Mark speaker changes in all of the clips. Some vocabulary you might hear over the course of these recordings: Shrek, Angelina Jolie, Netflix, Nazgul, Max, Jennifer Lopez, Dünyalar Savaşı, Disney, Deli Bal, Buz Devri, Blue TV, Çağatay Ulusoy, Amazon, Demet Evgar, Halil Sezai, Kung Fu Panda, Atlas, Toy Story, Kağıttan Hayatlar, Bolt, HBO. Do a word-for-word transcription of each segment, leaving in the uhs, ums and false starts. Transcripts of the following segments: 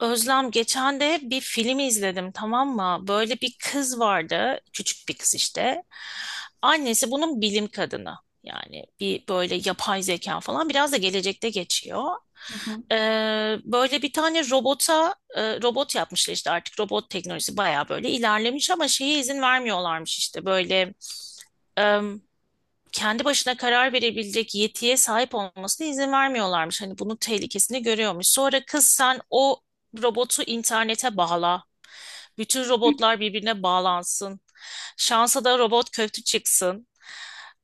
Speaker 1: Özlem geçen de bir film izledim, tamam mı? Böyle bir kız vardı, küçük bir kız işte. Annesi bunun bilim kadını. Yani bir böyle yapay zeka falan, biraz da gelecekte geçiyor.
Speaker 2: Hı hı.
Speaker 1: Ee, böyle bir tane robota e, robot yapmışlar işte, artık robot teknolojisi bayağı böyle ilerlemiş ama şeye izin vermiyorlarmış, işte böyle kendi başına karar verebilecek yetiye sahip olmasına izin vermiyorlarmış. Hani bunun tehlikesini görüyormuş. Sonra kız, sen o robotu internete bağla. Bütün robotlar birbirine bağlansın. Şansa da robot kötü çıksın.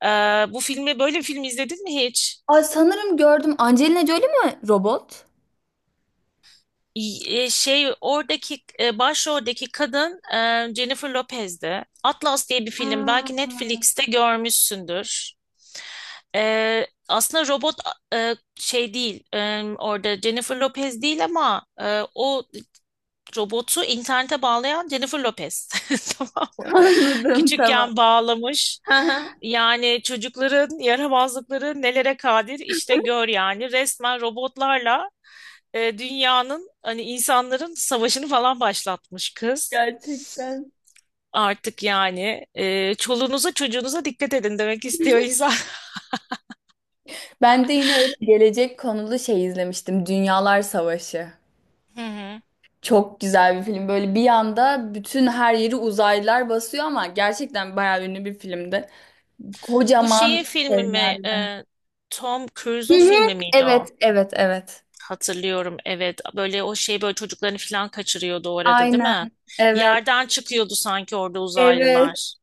Speaker 1: Ee, bu filmi, böyle bir film izledin mi hiç?
Speaker 2: Ay sanırım gördüm. Angelina Jolie mi robot?
Speaker 1: E, şey, oradaki e, başroldeki kadın e, Jennifer Lopez'di. Atlas diye bir film,
Speaker 2: Aa.
Speaker 1: belki Netflix'te görmüşsündür. E, aslında robot e, şey değil, e, orada Jennifer Lopez değil, ama e, o robotu internete bağlayan Jennifer Lopez. Tamam mı?
Speaker 2: Anladım, tamam.
Speaker 1: Küçükken bağlamış.
Speaker 2: Aha.
Speaker 1: Yani çocukların yaramazlıkları nelere kadir, işte gör yani, resmen robotlarla e, dünyanın, hani insanların savaşını falan başlatmış kız.
Speaker 2: Gerçekten.
Speaker 1: Artık yani, e, çoluğunuza çocuğunuza dikkat edin demek istiyor insan.
Speaker 2: Ben de yine öyle gelecek konulu şey izlemiştim. Dünyalar Savaşı.
Speaker 1: Hı hı.
Speaker 2: Çok güzel bir film. Böyle bir anda bütün her yeri uzaylılar basıyor, ama gerçekten bayağı ünlü bir filmdi.
Speaker 1: Bu şeyin
Speaker 2: Kocaman
Speaker 1: filmi mi?
Speaker 2: şeyler.
Speaker 1: e, Tom
Speaker 2: Hı
Speaker 1: Cruise'un
Speaker 2: hı.
Speaker 1: filmi miydi
Speaker 2: Evet,
Speaker 1: o?
Speaker 2: evet, evet.
Speaker 1: Hatırlıyorum, evet. Böyle, o şey, böyle çocuklarını falan kaçırıyordu o arada, değil
Speaker 2: Aynen.
Speaker 1: mi?
Speaker 2: Evet.
Speaker 1: Yerden çıkıyordu sanki orada
Speaker 2: Evet.
Speaker 1: uzaylılar.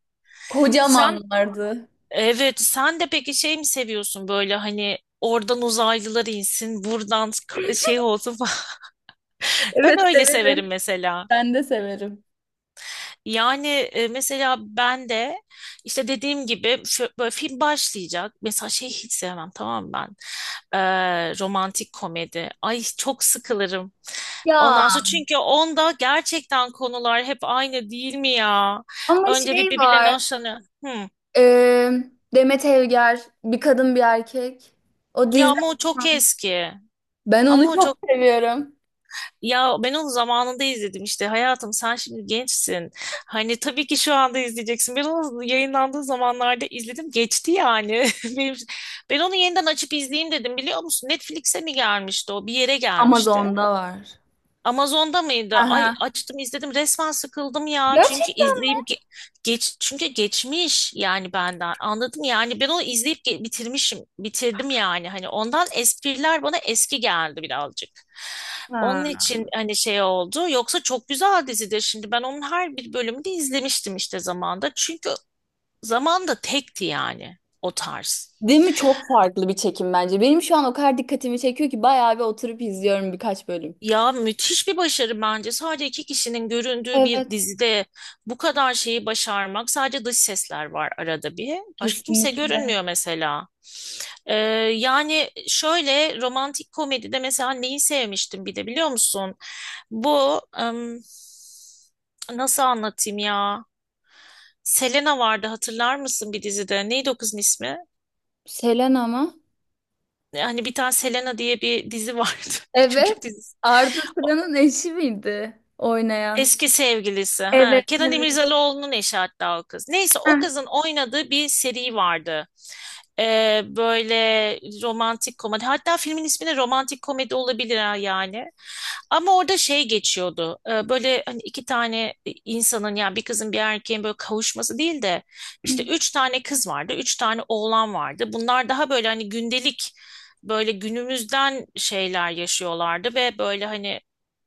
Speaker 1: Sen,
Speaker 2: Kocamanlardı.
Speaker 1: evet sen de peki şey mi seviyorsun, böyle hani oradan uzaylılar insin, buradan k- şey olsun. Ben
Speaker 2: Evet,
Speaker 1: öyle severim
Speaker 2: severim.
Speaker 1: mesela.
Speaker 2: Ben de severim.
Speaker 1: Yani, e, mesela ben de işte dediğim gibi, fö- böyle film başlayacak. Mesela şey hiç sevmem, tamam mı ben. Ee, romantik komedi. Ay, çok sıkılırım.
Speaker 2: Ya
Speaker 1: Ondan sonra, çünkü onda gerçekten konular hep aynı, değil mi ya?
Speaker 2: ama
Speaker 1: Önce bir,
Speaker 2: şey
Speaker 1: birbirlerine
Speaker 2: var.
Speaker 1: hoşlanıyor. Hmm.
Speaker 2: e, Demet Evgar, bir kadın bir erkek. O
Speaker 1: Ya
Speaker 2: dizi.
Speaker 1: ama o çok eski.
Speaker 2: Ben
Speaker 1: Ama
Speaker 2: onu
Speaker 1: o
Speaker 2: çok
Speaker 1: çok.
Speaker 2: seviyorum.
Speaker 1: Ya, ben onu zamanında izledim işte, hayatım, sen şimdi gençsin. Hani tabii ki şu anda izleyeceksin. Ben onu yayınlandığı zamanlarda izledim, geçti yani. Benim, ben onu yeniden açıp izleyeyim dedim, biliyor musun? Netflix'e mi gelmişti, o bir yere gelmişti.
Speaker 2: Amazon'da var.
Speaker 1: Amazon'da mıydı? Ay,
Speaker 2: Aha.
Speaker 1: açtım izledim, resmen sıkıldım ya. Çünkü
Speaker 2: Gerçekten
Speaker 1: izleyip ge- geç, çünkü geçmiş yani benden. Anladım yani, ben onu izleyip ge- bitirmişim. Bitirdim yani. Hani ondan espriler bana eski geldi birazcık. Onun
Speaker 2: mi?
Speaker 1: için hani şey oldu. Yoksa çok güzel dizidir. Şimdi ben onun her bir bölümünü izlemiştim işte zamanda. Çünkü zamanda tekti yani o tarz.
Speaker 2: Değil mi? Çok farklı bir çekim bence. Benim şu an o kadar dikkatimi çekiyor ki bayağı bir oturup izliyorum birkaç bölüm.
Speaker 1: Ya, müthiş bir başarı bence. Sadece iki kişinin göründüğü bir
Speaker 2: Evet,
Speaker 1: dizide bu kadar şeyi başarmak. Sadece dış sesler var arada bir. Başka kimse
Speaker 2: kesinlikle.
Speaker 1: görünmüyor mesela. Ee, yani şöyle, romantik komedide mesela neyi sevmiştim bir de, biliyor musun? Bu ım, nasıl anlatayım ya? Selena vardı, hatırlar mısın, bir dizide? Neydi o kızın ismi?
Speaker 2: Selena mı?
Speaker 1: Hani bir tane Selena diye bir dizi vardı. Çocuk
Speaker 2: Evet.
Speaker 1: dizisi.
Speaker 2: Arda Turan'ın eşi miydi oynayan?
Speaker 1: Eski sevgilisi. Ha.
Speaker 2: Evet,
Speaker 1: Kenan
Speaker 2: evet.
Speaker 1: İmirzalıoğlu'nun eşi hatta o kız. Neyse, o
Speaker 2: Heh.
Speaker 1: kızın oynadığı bir seri vardı. Ee, böyle romantik komedi. Hatta filmin ismi de romantik komedi olabilir ha, yani. Ama orada şey geçiyordu. Ee, böyle hani, iki tane insanın, yani bir kızın bir erkeğin böyle kavuşması değil de, işte üç tane kız vardı, üç tane oğlan vardı. Bunlar daha böyle hani gündelik, böyle günümüzden şeyler yaşıyorlardı ve böyle hani,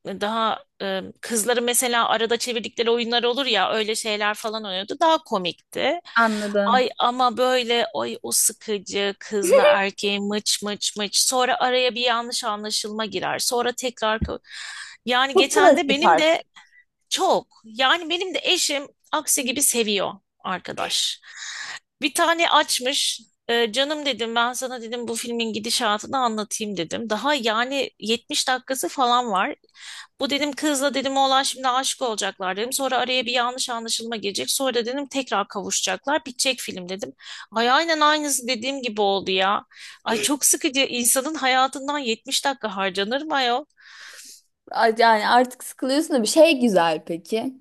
Speaker 1: daha e, kızların mesela arada çevirdikleri oyunlar olur ya, öyle şeyler falan oynuyordu. Daha komikti.
Speaker 2: Anladım.
Speaker 1: Ay, ama böyle, ay, o sıkıcı kızla erkeği mıç mıç mıç, sonra araya bir yanlış anlaşılma girer. Sonra tekrar ko- yani,
Speaker 2: Çok
Speaker 1: geçen de
Speaker 2: klasik
Speaker 1: benim de
Speaker 2: artık.
Speaker 1: çok. Yani benim de eşim aksi gibi seviyor, arkadaş. Bir tane açmış. E, canım dedim, ben sana dedim bu filmin gidişatını anlatayım dedim. Daha yani yetmiş dakikası falan var. Bu dedim, kızla dedim oğlan şimdi aşık olacaklar dedim. Sonra araya bir yanlış anlaşılma gelecek. Sonra dedim tekrar kavuşacaklar. Bitecek film dedim. Ay, aynen aynısı dediğim gibi oldu ya. Ay, çok sıkıcı. İnsanın hayatından yetmiş dakika harcanır mı ayol?
Speaker 2: A- Yani artık sıkılıyorsun da bir şey güzel peki.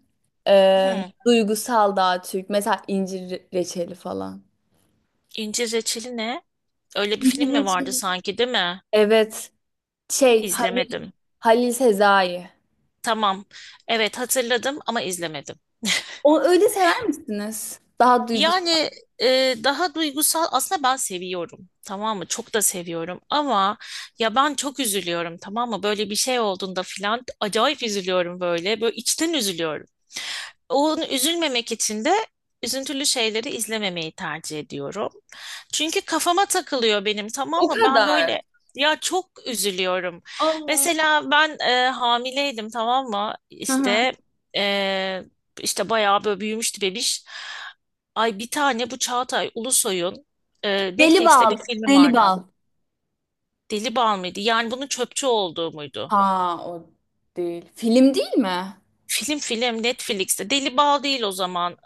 Speaker 2: Ee,
Speaker 1: Hmm,
Speaker 2: duygusal daha Türk. Mesela incir re- reçeli falan.
Speaker 1: incir reçeli ne? Öyle bir film
Speaker 2: İncir
Speaker 1: mi vardı
Speaker 2: reçeli.
Speaker 1: sanki, değil mi?
Speaker 2: Evet. Şey Halil,
Speaker 1: İzlemedim.
Speaker 2: Halil Sezai.
Speaker 1: Tamam. Evet, hatırladım ama izlemedim.
Speaker 2: O öyle sever misiniz? Daha duygusal.
Speaker 1: Yani e, daha duygusal aslında ben seviyorum. Tamam mı? Çok da seviyorum ama, ya, ben çok üzülüyorum tamam mı? Böyle bir şey olduğunda filan acayip üzülüyorum böyle. Böyle içten üzülüyorum. Onu üzülmemek için de üzüntülü şeyleri izlememeyi tercih ediyorum. Çünkü kafama takılıyor benim, tamam
Speaker 2: O
Speaker 1: mı? Ben
Speaker 2: kadar.
Speaker 1: böyle, ya, çok üzülüyorum.
Speaker 2: Allah.
Speaker 1: Mesela ben e, hamileydim, tamam mı?
Speaker 2: Hı hı.
Speaker 1: İşte e, işte bayağı böyle büyümüştü bebiş. Ay, bir tane bu Çağatay Ulusoy'un e,
Speaker 2: Deli
Speaker 1: Netflix'te bir
Speaker 2: bal.
Speaker 1: filmi
Speaker 2: Deli
Speaker 1: vardı.
Speaker 2: bal.
Speaker 1: Deli Bal mıydı? Yani bunun çöpçü olduğu muydu?
Speaker 2: Ha, o değil. Film değil mi?
Speaker 1: Film film Netflix'te. Deli Bal değil o zaman.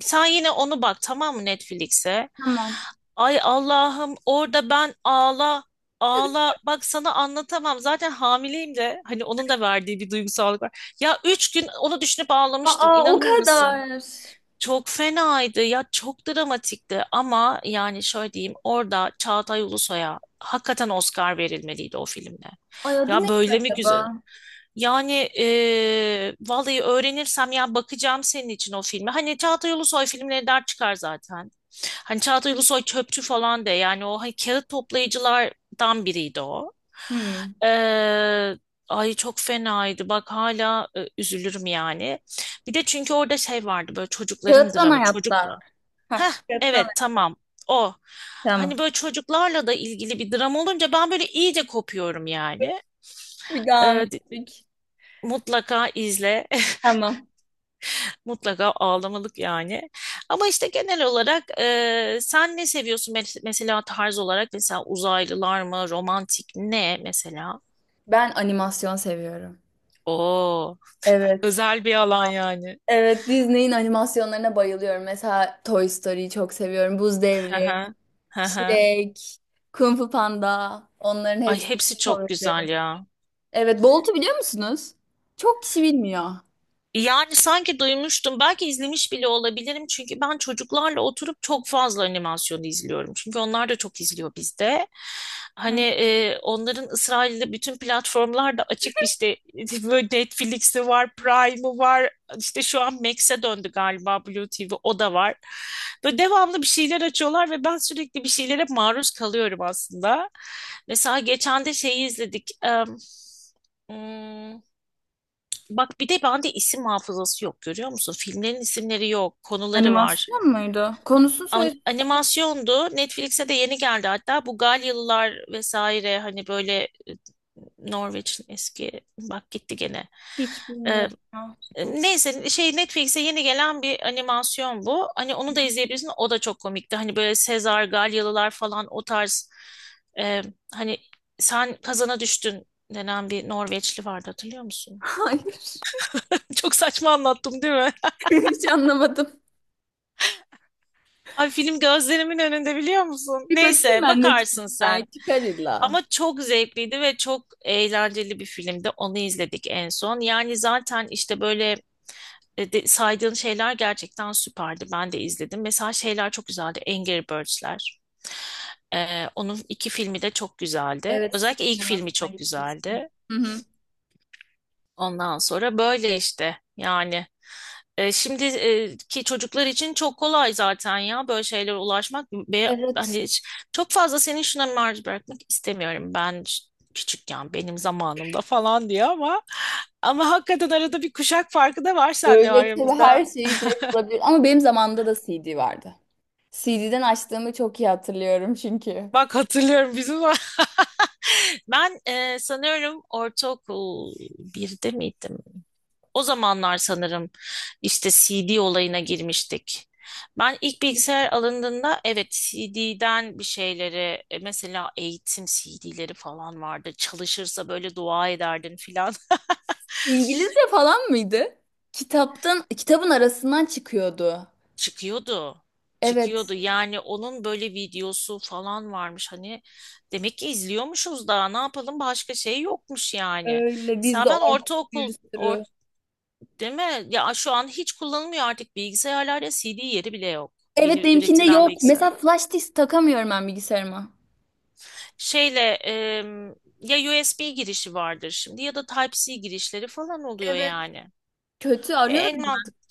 Speaker 1: Sen yine onu bak, tamam mı, Netflix'e?
Speaker 2: Tamam.
Speaker 1: Ay, Allah'ım, orada ben ağla ağla, bak sana anlatamam, zaten hamileyim de hani onun da verdiği bir duygusallık var. Ya, üç gün onu düşünüp ağlamıştım,
Speaker 2: Aa, o
Speaker 1: inanır mısın?
Speaker 2: kadar.
Speaker 1: Çok fenaydı ya, çok dramatikti, ama yani şöyle diyeyim, orada Çağatay Ulusoy'a hakikaten Oscar verilmeliydi o filmde.
Speaker 2: Ay adı
Speaker 1: Ya
Speaker 2: ne
Speaker 1: böyle mi güzel?
Speaker 2: acaba?
Speaker 1: Yani eee, vallahi öğrenirsem, ya, bakacağım senin için o filmi. Hani Çağatay Ulusoy filmleri der çıkar zaten. Hani Çağatay Ulusoy çöpçü falan de, yani o hani kağıt toplayıcılardan biriydi o.
Speaker 2: Hmm.
Speaker 1: Eee, ay, çok fenaydı. Bak, hala e, üzülürüm yani. Bir de çünkü orada şey vardı, böyle çocukların
Speaker 2: Kağıttan
Speaker 1: dramı,
Speaker 2: hayatlar.
Speaker 1: çocukla.
Speaker 2: Heh,
Speaker 1: Heh,
Speaker 2: kağıttan
Speaker 1: evet,
Speaker 2: hayatlar.
Speaker 1: tamam, o. Hani
Speaker 2: Tamam.
Speaker 1: böyle çocuklarla da ilgili bir dram olunca ben böyle iyice kopuyorum yani.
Speaker 2: Bir daha mı ettik?
Speaker 1: Mutlaka izle.
Speaker 2: Tamam.
Speaker 1: Mutlaka ağlamalık yani. Ama işte genel olarak, e, sen ne seviyorsun mes- mesela, tarz olarak? Mesela uzaylılar mı? Romantik ne mesela?
Speaker 2: Ben animasyon seviyorum.
Speaker 1: Oo,
Speaker 2: Evet.
Speaker 1: özel bir alan yani.
Speaker 2: Evet, Disney'in animasyonlarına bayılıyorum. Mesela Toy Story'yi çok seviyorum. Buz
Speaker 1: Hı
Speaker 2: Devri,
Speaker 1: hı. Hı hı.
Speaker 2: Shrek, Kung Fu Panda. Onların
Speaker 1: Ay,
Speaker 2: hepsi
Speaker 1: hepsi çok
Speaker 2: favorilerim.
Speaker 1: güzel ya.
Speaker 2: Evet, Bolt'u biliyor musunuz? Çok kişi bilmiyor.
Speaker 1: Yani, sanki duymuştum. Belki izlemiş bile olabilirim. Çünkü ben çocuklarla oturup çok fazla animasyon izliyorum. Çünkü onlar da çok izliyor bizde. Hani,
Speaker 2: Hı.
Speaker 1: e, onların İsrail'de bütün platformlar da açık. İşte, böyle Netflix'i var, Prime'ı var. İşte şu an Max'e döndü galiba Blue T V. O da var. Böyle devamlı bir şeyler açıyorlar ve ben sürekli bir şeylere maruz kalıyorum aslında. Mesela geçen de şeyi izledik. Em, hmm, Bak, bir de bende isim hafızası yok, görüyor musun? Filmlerin isimleri yok, konuları var.
Speaker 2: Animasyon muydu? Konusunu söyle.
Speaker 1: An- Animasyondu. Netflix'e de yeni geldi hatta. Bu Galyalılar vesaire, hani böyle Norveç'in eski, bak gitti gene.
Speaker 2: Hiç
Speaker 1: Ee,
Speaker 2: bilmiyorum ya.
Speaker 1: neyse, şey, Netflix'e yeni gelen bir animasyon bu. Hani onu da izleyebilirsin. O da çok komikti. Hani böyle Sezar, Galyalılar falan, o tarz e, hani sen kazana düştün denen bir Norveçli vardı, hatırlıyor musun?
Speaker 2: Hayır.
Speaker 1: Çok saçma anlattım değil mi?
Speaker 2: Hiç anlamadım.
Speaker 1: Ay, film gözlerimin önünde, biliyor musun?
Speaker 2: Bir bakayım
Speaker 1: Neyse,
Speaker 2: ben
Speaker 1: bakarsın
Speaker 2: Netflix'ten. Ya,
Speaker 1: sen.
Speaker 2: çıkar illa.
Speaker 1: Ama çok zevkliydi ve çok eğlenceli bir filmdi. Onu izledik en son. Yani zaten işte böyle e, de- saydığın şeyler gerçekten süperdi. Ben de izledim. Mesela şeyler çok güzeldi. Angry Birds'ler. Ee, onun iki filmi de çok güzeldi.
Speaker 2: Evet,
Speaker 1: Özellikle ilk filmi
Speaker 2: sinemasına
Speaker 1: çok
Speaker 2: gitmiştim.
Speaker 1: güzeldi.
Speaker 2: Hı hı.
Speaker 1: Ondan sonra böyle işte, yani. E, şimdi, e, ki çocuklar için çok kolay zaten ya böyle şeylere ulaşmak ve
Speaker 2: Evet.
Speaker 1: hani hiç- çok fazla senin şuna maruz bırakmak istemiyorum ben, ş- küçükken benim zamanımda falan diyor ama ama hakikaten arada bir kuşak farkı da var seninle
Speaker 2: Öğretili
Speaker 1: aramızda.
Speaker 2: her şeyi direkt bulabilir. Ama benim zamanımda da C D vardı. C D'den açtığımı çok iyi hatırlıyorum çünkü.
Speaker 1: Bak hatırlıyorum bizim ben, e, sanıyorum ortaokul birde miydim? O zamanlar sanırım, işte C D olayına girmiştik. Ben ilk bilgisayar alındığında, evet, C D'den bir şeyleri, e, mesela eğitim C D'leri falan vardı. Çalışırsa böyle dua ederdin filan.
Speaker 2: İngilizce falan mıydı? Kitaptan, kitabın arasından çıkıyordu.
Speaker 1: Çıkıyordu. Çıkıyordu.
Speaker 2: Evet.
Speaker 1: Yani onun böyle videosu falan varmış. Hani demek ki izliyormuşuz, daha ne yapalım, başka şey yokmuş yani.
Speaker 2: Öyle biz de
Speaker 1: Mesela ben
Speaker 2: orada bir
Speaker 1: ortaokul or,
Speaker 2: sürü.
Speaker 1: değil mi? Ya şu an hiç kullanılmıyor artık, bilgisayarlarda C D yeri bile yok.
Speaker 2: Evet,
Speaker 1: Yeni
Speaker 2: benimkinde
Speaker 1: üretilen
Speaker 2: yok.
Speaker 1: bilgisayar.
Speaker 2: Mesela flash disk takamıyorum ben bilgisayarıma.
Speaker 1: Şeyle, em, ya U S B girişi vardır şimdi, ya da type si girişleri falan oluyor
Speaker 2: Evet.
Speaker 1: yani.
Speaker 2: Kötü
Speaker 1: E, en
Speaker 2: arıyorum.
Speaker 1: mantıklı.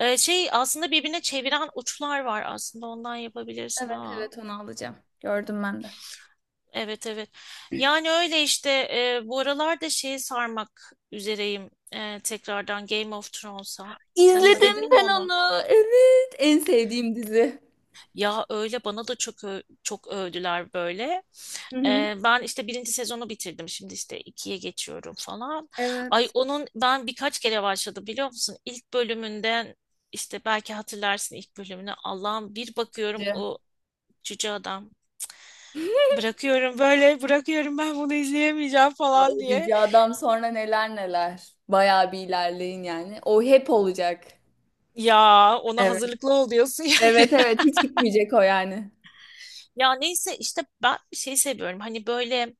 Speaker 1: E, şey aslında birbirine çeviren uçlar var aslında, ondan yapabilirsin
Speaker 2: Evet,
Speaker 1: ha.
Speaker 2: evet, onu alacağım. Gördüm ben de.
Speaker 1: Evet, evet. Yani öyle işte, e, bu aralar da şeyi sarmak üzereyim, e, tekrardan Game of Thrones'a. Sen
Speaker 2: İzledim
Speaker 1: izledin mi
Speaker 2: ben
Speaker 1: onu?
Speaker 2: onu. Evet. En sevdiğim dizi.
Speaker 1: Ya, öyle, bana da çok ö- çok övdüler böyle.
Speaker 2: Hı hı.
Speaker 1: Ee, ben işte birinci sezonu bitirdim. Şimdi işte ikiye geçiyorum falan. Ay,
Speaker 2: Evet.
Speaker 1: onun ben birkaç kere başladım, biliyor musun? İlk bölümünden, işte belki hatırlarsın ilk bölümünü. Allah'ım, bir bakıyorum
Speaker 2: Cü.
Speaker 1: o cüce adam. Bırakıyorum, böyle bırakıyorum, ben bunu izleyemeyeceğim falan
Speaker 2: O
Speaker 1: diye.
Speaker 2: cüce adam sonra neler neler. Bayağı bir ilerleyin yani. O hep olacak.
Speaker 1: Ya, ona
Speaker 2: Evet.
Speaker 1: hazırlıklı ol diyorsun ya.
Speaker 2: Evet, evet. Hiç gitmeyecek o yani.
Speaker 1: Ya neyse, işte ben şey seviyorum. Hani böyle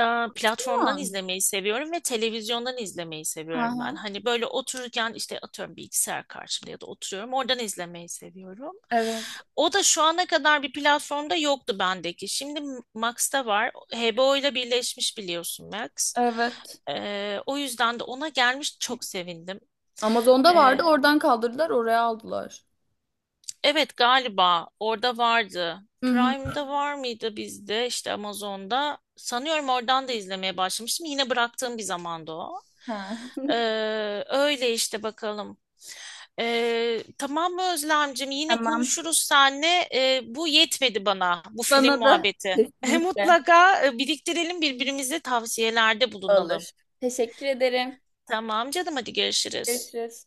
Speaker 1: e, platformdan
Speaker 2: Tamam.
Speaker 1: izlemeyi seviyorum ve televizyondan izlemeyi seviyorum ben.
Speaker 2: Aha.
Speaker 1: Hani böyle otururken işte, atıyorum bilgisayar karşımda ya da oturuyorum, oradan izlemeyi seviyorum.
Speaker 2: Evet.
Speaker 1: O da şu ana kadar bir platformda yoktu bendeki. Şimdi Max'ta var. H B O ile birleşmiş, biliyorsun, Max.
Speaker 2: Evet.
Speaker 1: E, o yüzden de ona gelmiş çok sevindim.
Speaker 2: Amazon'da vardı. Oradan kaldırdılar. Oraya aldılar.
Speaker 1: Evet, galiba orada vardı.
Speaker 2: Hı hı.
Speaker 1: Prime'da var mıydı bizde, işte Amazon'da? Sanıyorum oradan da izlemeye başlamıştım. Yine bıraktığım bir zamanda o.
Speaker 2: Ha.
Speaker 1: Ee, öyle işte, bakalım. Ee, tamam mı Özlemcim? Yine
Speaker 2: Tamam.
Speaker 1: konuşuruz seninle. Ee, bu yetmedi bana bu film
Speaker 2: Bana da
Speaker 1: muhabbeti.
Speaker 2: kesinlikle
Speaker 1: Mutlaka e, biriktirelim, birbirimize tavsiyelerde bulunalım.
Speaker 2: alır. Teşekkür ederim.
Speaker 1: Tamam canım, hadi görüşürüz.
Speaker 2: Görüşürüz.